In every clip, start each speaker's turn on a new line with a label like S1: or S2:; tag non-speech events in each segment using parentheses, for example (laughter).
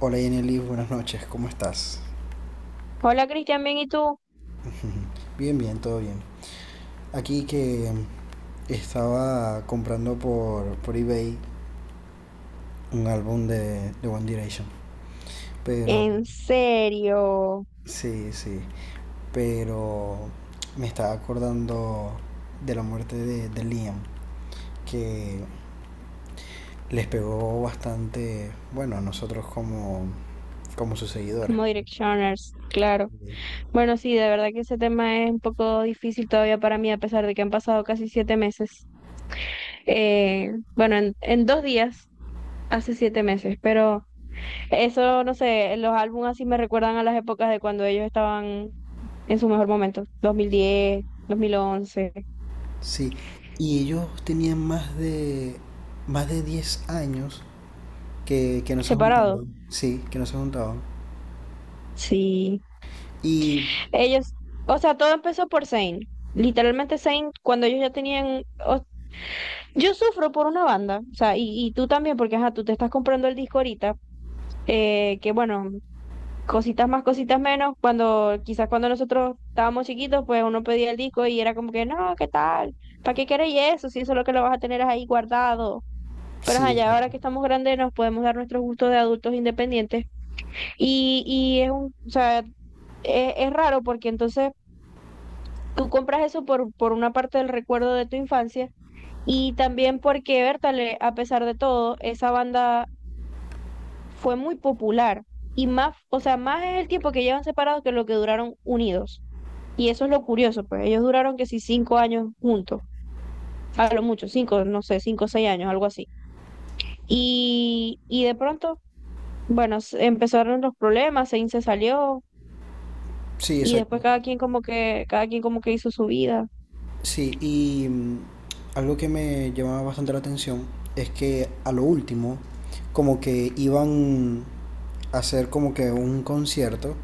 S1: Hola Yeneli, buenas noches, ¿cómo estás?
S2: Hola Cristian, bien, ¿y tú?
S1: Bien, bien, todo bien. Aquí que estaba comprando por eBay un álbum de One Direction. Pero,
S2: ¿En serio?
S1: sí, sí. Pero me estaba acordando de la muerte de Liam, que les pegó bastante, bueno, a nosotros como, como sus seguidores.
S2: Como Directioners, claro. Bueno, sí, de verdad que ese tema es un poco difícil todavía para mí, a pesar de que han pasado casi 7 meses. En 2 días, hace 7 meses, pero eso, no sé, los álbumes así me recuerdan a las épocas de cuando ellos estaban en su mejor momento, dos mil diez, 2011,
S1: Sí, y ellos tenían más de 10 años que no se
S2: separados.
S1: juntaban. Sí, que no se juntaban.
S2: Sí,
S1: Y
S2: ellos, o sea, todo empezó por Zayn. Literalmente Zayn, cuando ellos ya tenían Yo sufro por una banda, o sea, y tú también, porque ajá, tú te estás comprando el disco ahorita, que bueno, cositas más, cositas menos, cuando quizás cuando nosotros estábamos chiquitos, pues uno pedía el disco y era como que, no, ¿qué tal? ¿Para qué queréis eso? Si eso es lo que lo vas a tener ahí guardado. Pero
S1: sí,
S2: ajá, ya ahora
S1: exacto.
S2: que estamos grandes nos podemos dar nuestros gustos de adultos independientes. Y es un, o sea, es raro porque entonces tú compras eso por una parte del recuerdo de tu infancia y también porque Bertale, a pesar de todo, esa banda fue muy popular. Y más, o sea, más es el tiempo que llevan separados que lo que duraron unidos. Y eso es lo curioso, pues ellos duraron que sí 5 años juntos, a lo mucho, cinco, no sé, 5 o 6 años, algo así. Y de pronto, bueno, empezaron los problemas, Zayn se salió,
S1: Sí,
S2: y después
S1: exacto.
S2: cada quien como que, cada quien como que hizo su vida.
S1: Sí, y algo que me llamaba bastante la atención es que a lo último, como que iban a hacer como que un concierto,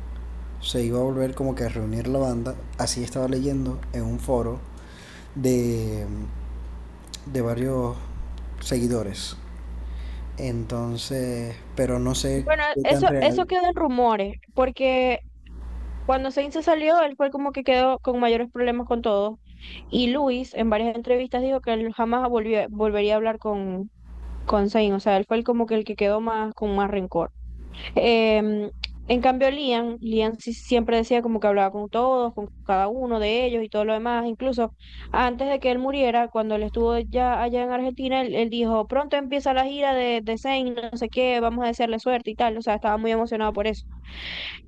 S1: se iba a volver como que a reunir la banda, así estaba leyendo en un foro de, de varios seguidores. Entonces, pero no sé
S2: Bueno,
S1: qué tan
S2: eso
S1: real.
S2: quedó en rumores, porque cuando Sainz se salió, él fue como que quedó con mayores problemas con todo. Y Luis, en varias entrevistas, dijo que él jamás volvería a hablar con Sainz. O sea, él fue el como que el que quedó más con más rencor. Em, en cambio, Liam, Liam sí siempre decía como que hablaba con todos, con cada uno de ellos y todo lo demás. Incluso antes de que él muriera, cuando él estuvo ya allá en Argentina, él dijo, pronto empieza la gira de Zayn, no sé qué, vamos a desearle suerte y tal. O sea, estaba muy emocionado por eso.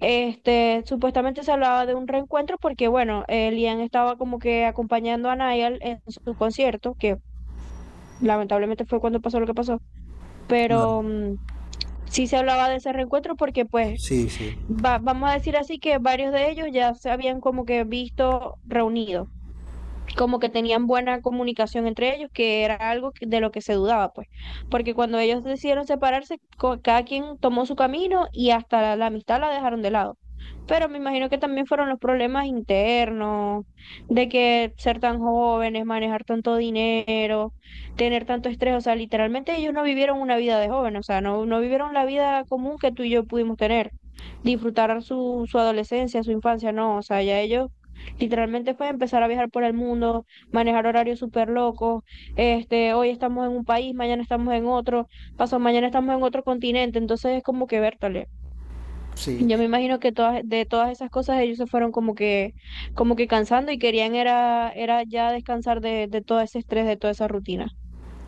S2: Este, supuestamente se hablaba de un reencuentro porque, bueno, Liam estaba como que acompañando a Niall en su concierto, que lamentablemente fue cuando pasó lo que pasó,
S1: Claro,
S2: pero... Sí se hablaba de ese reencuentro porque pues
S1: sí, sí,
S2: vamos a decir así que varios de ellos ya se habían como que visto reunidos, como que tenían buena comunicación entre ellos, que era algo de lo que se dudaba, pues, porque cuando ellos decidieron separarse, cada quien tomó su camino y hasta la amistad la dejaron de lado. Pero me imagino que también fueron los problemas internos, de que ser tan jóvenes, manejar tanto dinero, tener tanto estrés, o sea, literalmente ellos no vivieron una vida de joven, o sea, no, no vivieron la vida común que tú y yo pudimos tener, disfrutar su adolescencia, su infancia, no, o sea, ya ellos literalmente fue empezar a viajar por el mundo, manejar horarios súper locos. Este, hoy estamos en un país, mañana estamos en otro, pasado mañana estamos en otro continente. Entonces es como que vértale.
S1: sí.
S2: Yo me imagino que de todas esas cosas ellos se fueron como que cansando y querían era ya descansar de todo ese estrés, de toda esa rutina.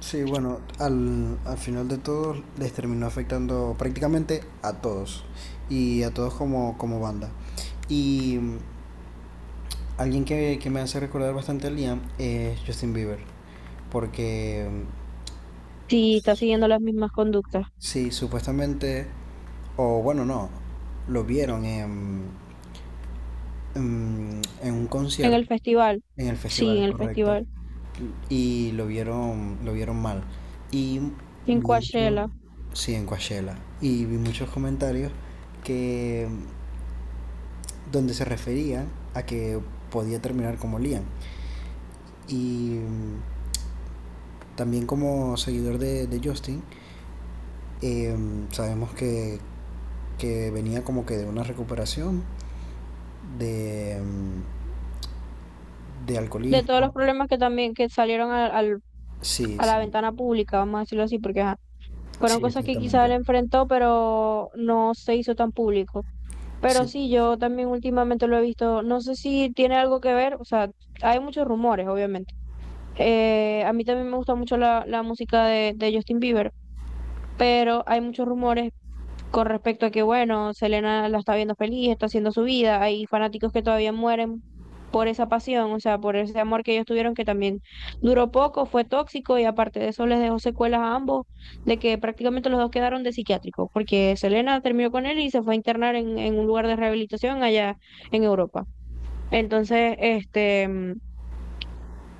S1: Sí, bueno, al final de todo les terminó afectando prácticamente a todos y a todos como, como banda. Y alguien que me hace recordar bastante a Liam es Justin Bieber, porque
S2: Sí, está siguiendo las mismas conductas.
S1: sí, supuestamente, o bueno, no, lo vieron en, en un
S2: En
S1: concierto,
S2: el festival,
S1: en el
S2: sí, en
S1: festival,
S2: el
S1: correcto.
S2: festival.
S1: Y lo vieron mal. Y
S2: En
S1: vi mucho,
S2: Coachella.
S1: sí, en Coachella, y vi muchos comentarios que donde se referían a que podía terminar como Liam. Y también como seguidor de Justin, eh, sabemos que venía como que de una recuperación de, de
S2: De todos los
S1: alcoholismo.
S2: problemas que también que salieron
S1: Sí,
S2: a la
S1: sí,
S2: ventana pública, vamos a decirlo así, porque ajá, fueron
S1: sí,
S2: cosas que quizás él
S1: exactamente.
S2: enfrentó, pero no se hizo tan público. Pero
S1: Sí,
S2: sí, yo también últimamente lo he visto, no sé si tiene algo que ver, o sea, hay muchos rumores, obviamente. A mí también me gusta mucho la música de Justin Bieber, pero hay muchos rumores con respecto a que, bueno, Selena la está viendo feliz, está haciendo su vida, hay fanáticos que todavía mueren por esa pasión, o sea, por ese amor que ellos tuvieron que también duró poco, fue tóxico y aparte de eso les dejó secuelas a ambos, de que prácticamente los dos quedaron de psiquiátricos porque Selena terminó con él y se fue a internar en un lugar de rehabilitación allá en Europa. Entonces, este...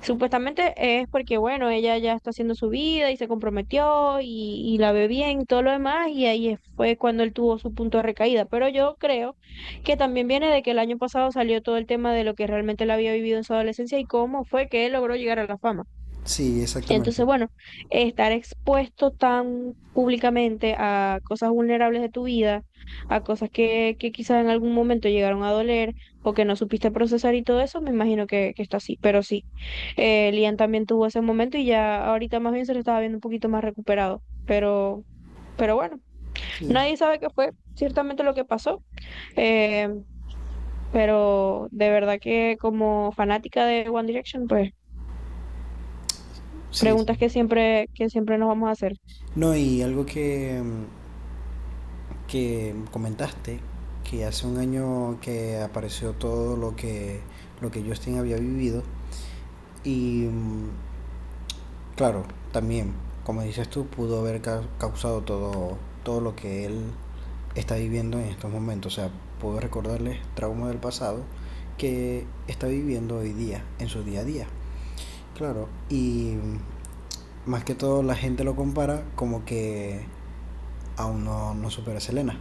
S2: Supuestamente es porque, bueno, ella ya está haciendo su vida y se comprometió y la ve bien y todo lo demás, y ahí fue cuando él tuvo su punto de recaída. Pero yo creo que también viene de que el año pasado salió todo el tema de lo que realmente él había vivido en su adolescencia y cómo fue que él logró llegar a la fama.
S1: sí, exactamente.
S2: Entonces, bueno, estar expuesto tan públicamente a cosas vulnerables de tu vida, a cosas que quizás en algún momento llegaron a doler o que no supiste procesar y todo eso, me imagino que está así. Pero sí, Lian también tuvo ese momento y ya ahorita más bien se lo estaba viendo un poquito más recuperado. Pero bueno,
S1: Sí,
S2: nadie sabe qué fue ciertamente lo que pasó. Eh, pero de verdad que como fanática de One Direction, pues
S1: sí, sí.
S2: preguntas que siempre nos vamos a hacer.
S1: No, y algo que comentaste, que hace un año que apareció todo lo que Justin había vivido, y claro, también, como dices tú, pudo haber causado todo, todo lo que él está viviendo en estos momentos, o sea, pudo recordarles traumas del pasado que está viviendo hoy día, en su día a día, claro, y más que todo la gente lo compara como que aún no, no supera a Selena.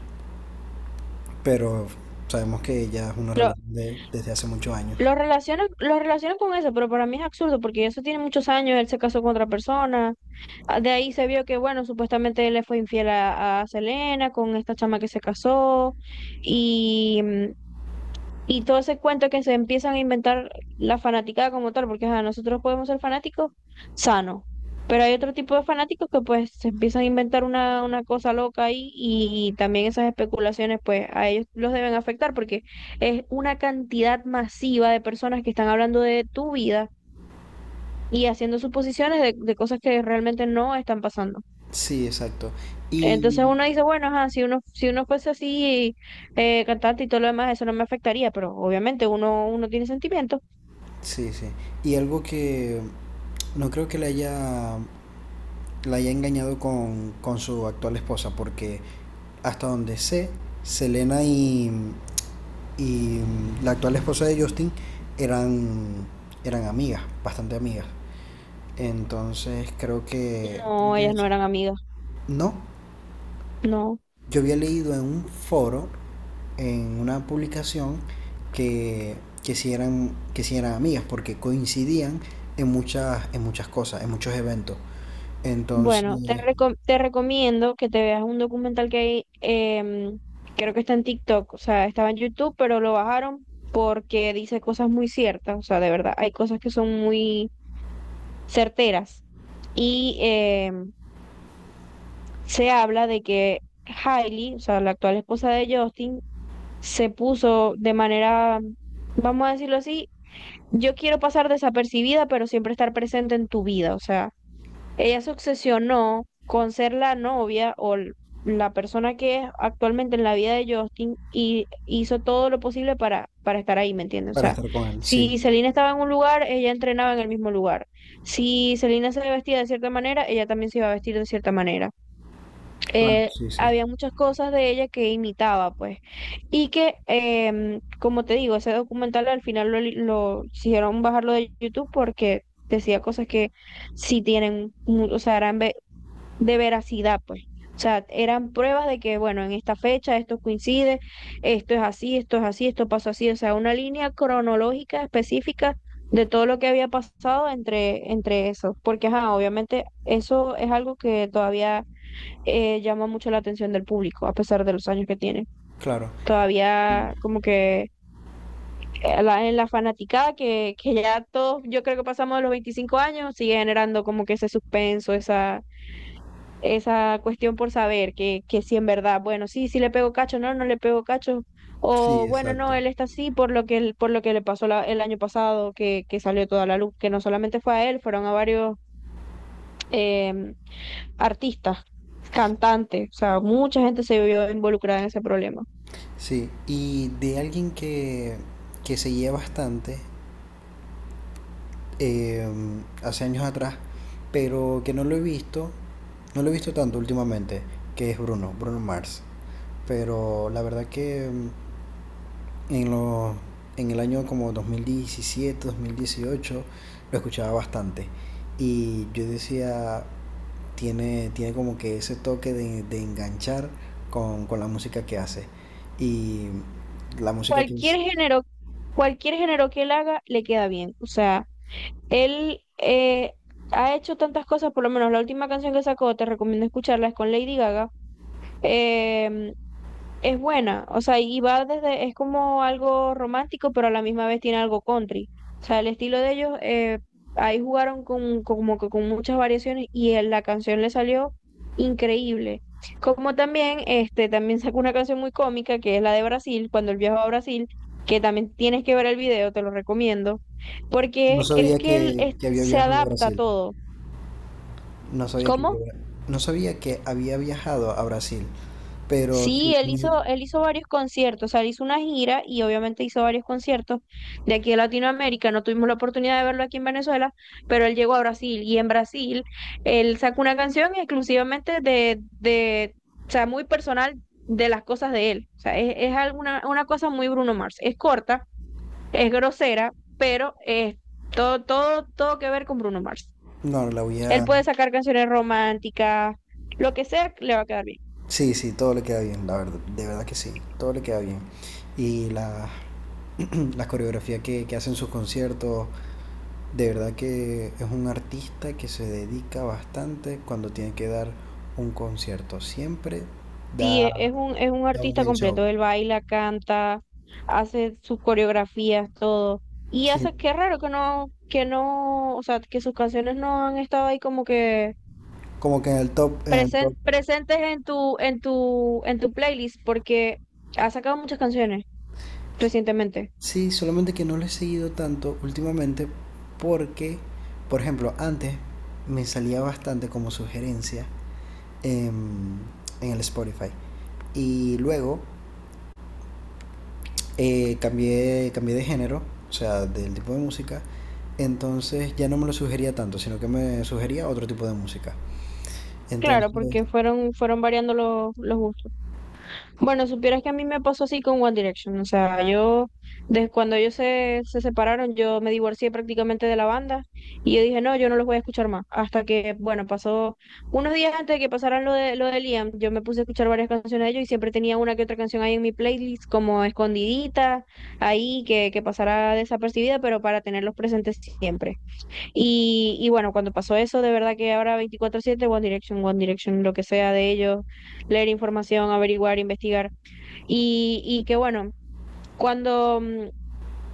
S1: Pero sabemos que ya es una
S2: Lo,
S1: relación de, desde hace muchos años.
S2: lo relacionan con eso, pero para mí es absurdo porque eso tiene muchos años, él se casó con otra persona. Ah, de ahí se vio que, bueno, supuestamente él le fue infiel a Selena con esta chama que se casó. Y, mm, y todo ese cuento que se empiezan a inventar la fanaticada como tal, porque ajá, nosotros podemos ser fanáticos sanos, pero hay otro tipo de fanáticos que pues se empiezan a inventar una cosa loca ahí y también esas especulaciones pues a ellos los deben afectar porque es una cantidad masiva de personas que están hablando de tu vida y haciendo suposiciones de cosas que realmente no están pasando.
S1: Sí, exacto.
S2: Entonces
S1: Y
S2: uno dice, bueno, ajá, si uno fuese así cantante y todo lo demás, eso no me afectaría, pero obviamente uno tiene sentimientos.
S1: sí, sí. Y algo que no creo que le haya, la haya engañado con su actual esposa, porque hasta donde sé, Selena y la actual esposa de Justin eran, eran amigas, bastante amigas. Entonces creo que creo
S2: No,
S1: que
S2: ellas no
S1: eso.
S2: eran amigas,
S1: No,
S2: no.
S1: yo había leído en un foro, en una publicación, que, que si eran amigas, porque coincidían en muchas cosas, en muchos eventos.
S2: Bueno,
S1: Entonces,
S2: te recomiendo que te veas un documental que hay, em, creo que está en TikTok, o sea, estaba en YouTube, pero lo bajaron porque dice cosas muy ciertas, o sea, de verdad, hay cosas que son muy certeras. Y em, se habla de que Hailey, o sea, la actual esposa de Justin, se puso de manera, vamos a decirlo así, yo quiero pasar desapercibida, pero siempre estar presente en tu vida, o sea. Ella se obsesionó con ser la novia la persona que es actualmente en la vida de Justin y hizo todo lo posible para estar ahí, ¿me entiendes? O
S1: para
S2: sea,
S1: estar con él, sí.
S2: si Selena estaba en un lugar, ella entrenaba en el mismo lugar. Si Selena se vestía de cierta manera, ella también se iba a vestir de cierta manera,
S1: Claro, sí, sí.
S2: había muchas cosas de ella que imitaba, pues. Y que, em, como te digo, ese documental al final lo hicieron bajarlo de YouTube porque decía cosas que sí tienen, o sea, eran de veracidad, pues. O sea, eran pruebas de que, bueno, en esta fecha esto coincide, esto es así, esto es así, esto pasó así, o sea, una línea cronológica específica de todo lo que había pasado entre, entre eso, porque, ajá, obviamente eso es algo que todavía llama mucho la atención del público, a pesar de los años que tiene.
S1: Claro.
S2: Todavía como que en la fanaticada, que ya todos, yo creo que pasamos de los 25 años, sigue generando como que ese suspenso, esa cuestión por saber que si en verdad, bueno, sí, sí le pego cacho, no, no le pego cacho.
S1: Sí,
S2: O bueno, no,
S1: exacto.
S2: él está así por lo que, por lo que le pasó el año pasado, que salió toda la luz, que no solamente fue a él, fueron a varios em, artistas, cantantes, o sea, mucha gente se vio involucrada en ese problema.
S1: Sí. Y de alguien que seguía bastante eh, hace años atrás, pero que no lo he visto, no lo he visto tanto últimamente, que es Bruno, Bruno Mars. Pero la verdad que en, lo, en el año como 2017, 2018, lo escuchaba bastante. Y yo decía, tiene, tiene como que ese toque de enganchar con la música que hace. Y la música que...
S2: Cualquier
S1: es-
S2: género, cualquier género que él haga, le queda bien. O sea, él ha hecho tantas cosas, por lo menos la última canción que sacó, te recomiendo escucharla, es con Lady Gaga. Em, es buena, o sea, y va desde, es como algo romántico, pero a la misma vez tiene algo country. O sea, el estilo de ellos, ahí jugaron con, como que con muchas variaciones y en la canción le salió increíble. Como también, este, también sacó una canción muy cómica que es la de Brasil, cuando él viajó a Brasil, que también tienes que ver el video, te lo recomiendo
S1: No
S2: porque es
S1: sabía
S2: que
S1: que había
S2: se
S1: viajado a
S2: adapta a
S1: Brasil.
S2: todo.
S1: No sabía que
S2: ¿Cómo?
S1: había, no sabía que había viajado a Brasil. Pero
S2: Sí, él hizo, él hizo varios conciertos, o sea, él hizo una gira y obviamente hizo varios conciertos de aquí de Latinoamérica. No tuvimos la oportunidad de verlo aquí en Venezuela, pero él llegó a Brasil y en Brasil él sacó una canción exclusivamente o sea, muy personal de las cosas de él. O sea, es alguna, una cosa muy Bruno Mars. Es corta, es grosera, pero es todo, todo, todo que ver con Bruno Mars.
S1: no, la voy
S2: Él
S1: a,
S2: puede sacar canciones románticas, lo que sea, le va a quedar bien.
S1: sí, sí, todo le queda bien, la verdad, de verdad que sí, todo le queda bien. Y la, (clears throat) las coreografías que hacen sus conciertos, de verdad que es un artista que se dedica bastante cuando tiene que dar un concierto. Siempre da,
S2: Sí, es un
S1: da un
S2: artista
S1: buen
S2: completo.
S1: show.
S2: Él baila, canta, hace sus coreografías, todo. Y
S1: Sí,
S2: hace, qué raro que no, o sea, que sus canciones no han estado ahí como que
S1: como que en el top, en el top.
S2: presentes en tu, en tu, en tu playlist, porque ha sacado muchas canciones recientemente.
S1: Sí, solamente que no lo he seguido tanto últimamente porque, por ejemplo, antes me salía bastante como sugerencia en, en el Spotify. Y luego cambié, cambié de género, o sea, del tipo de música. Entonces ya no me lo sugería tanto, sino que me sugería otro tipo de música.
S2: Claro,
S1: Entonces,
S2: porque fueron, fueron variando los gustos. Bueno, supieras que a mí me pasó así con One Direction. O sea, yo, desde cuando ellos se separaron, yo me divorcié prácticamente de la banda y yo dije, no, yo no los voy a escuchar más. Hasta que, bueno, pasó unos días antes de que pasaran lo de Liam, yo me puse a escuchar varias canciones de ellos y siempre tenía una que otra canción ahí en mi playlist, como escondidita, ahí que pasara desapercibida, pero para tenerlos presentes siempre. Y bueno, cuando pasó eso, de verdad que ahora 24/7 One Direction, One Direction, lo que sea de ellos, leer información, averiguar, investigar. Y que bueno, cuando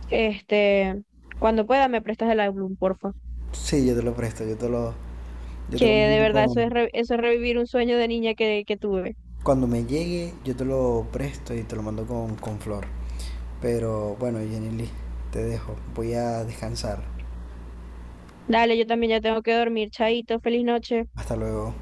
S2: este, cuando pueda me prestas el álbum, porfa.
S1: sí, yo te lo presto, yo
S2: Que
S1: te lo
S2: de
S1: mando
S2: verdad eso
S1: con...
S2: eso es revivir un sueño de niña que tuve.
S1: Cuando me llegue, yo te lo presto y te lo mando con flor. Pero bueno, Jenny Lee, te dejo. Voy a descansar.
S2: Dale, yo también ya tengo que dormir. Chaito, feliz noche.
S1: Hasta luego.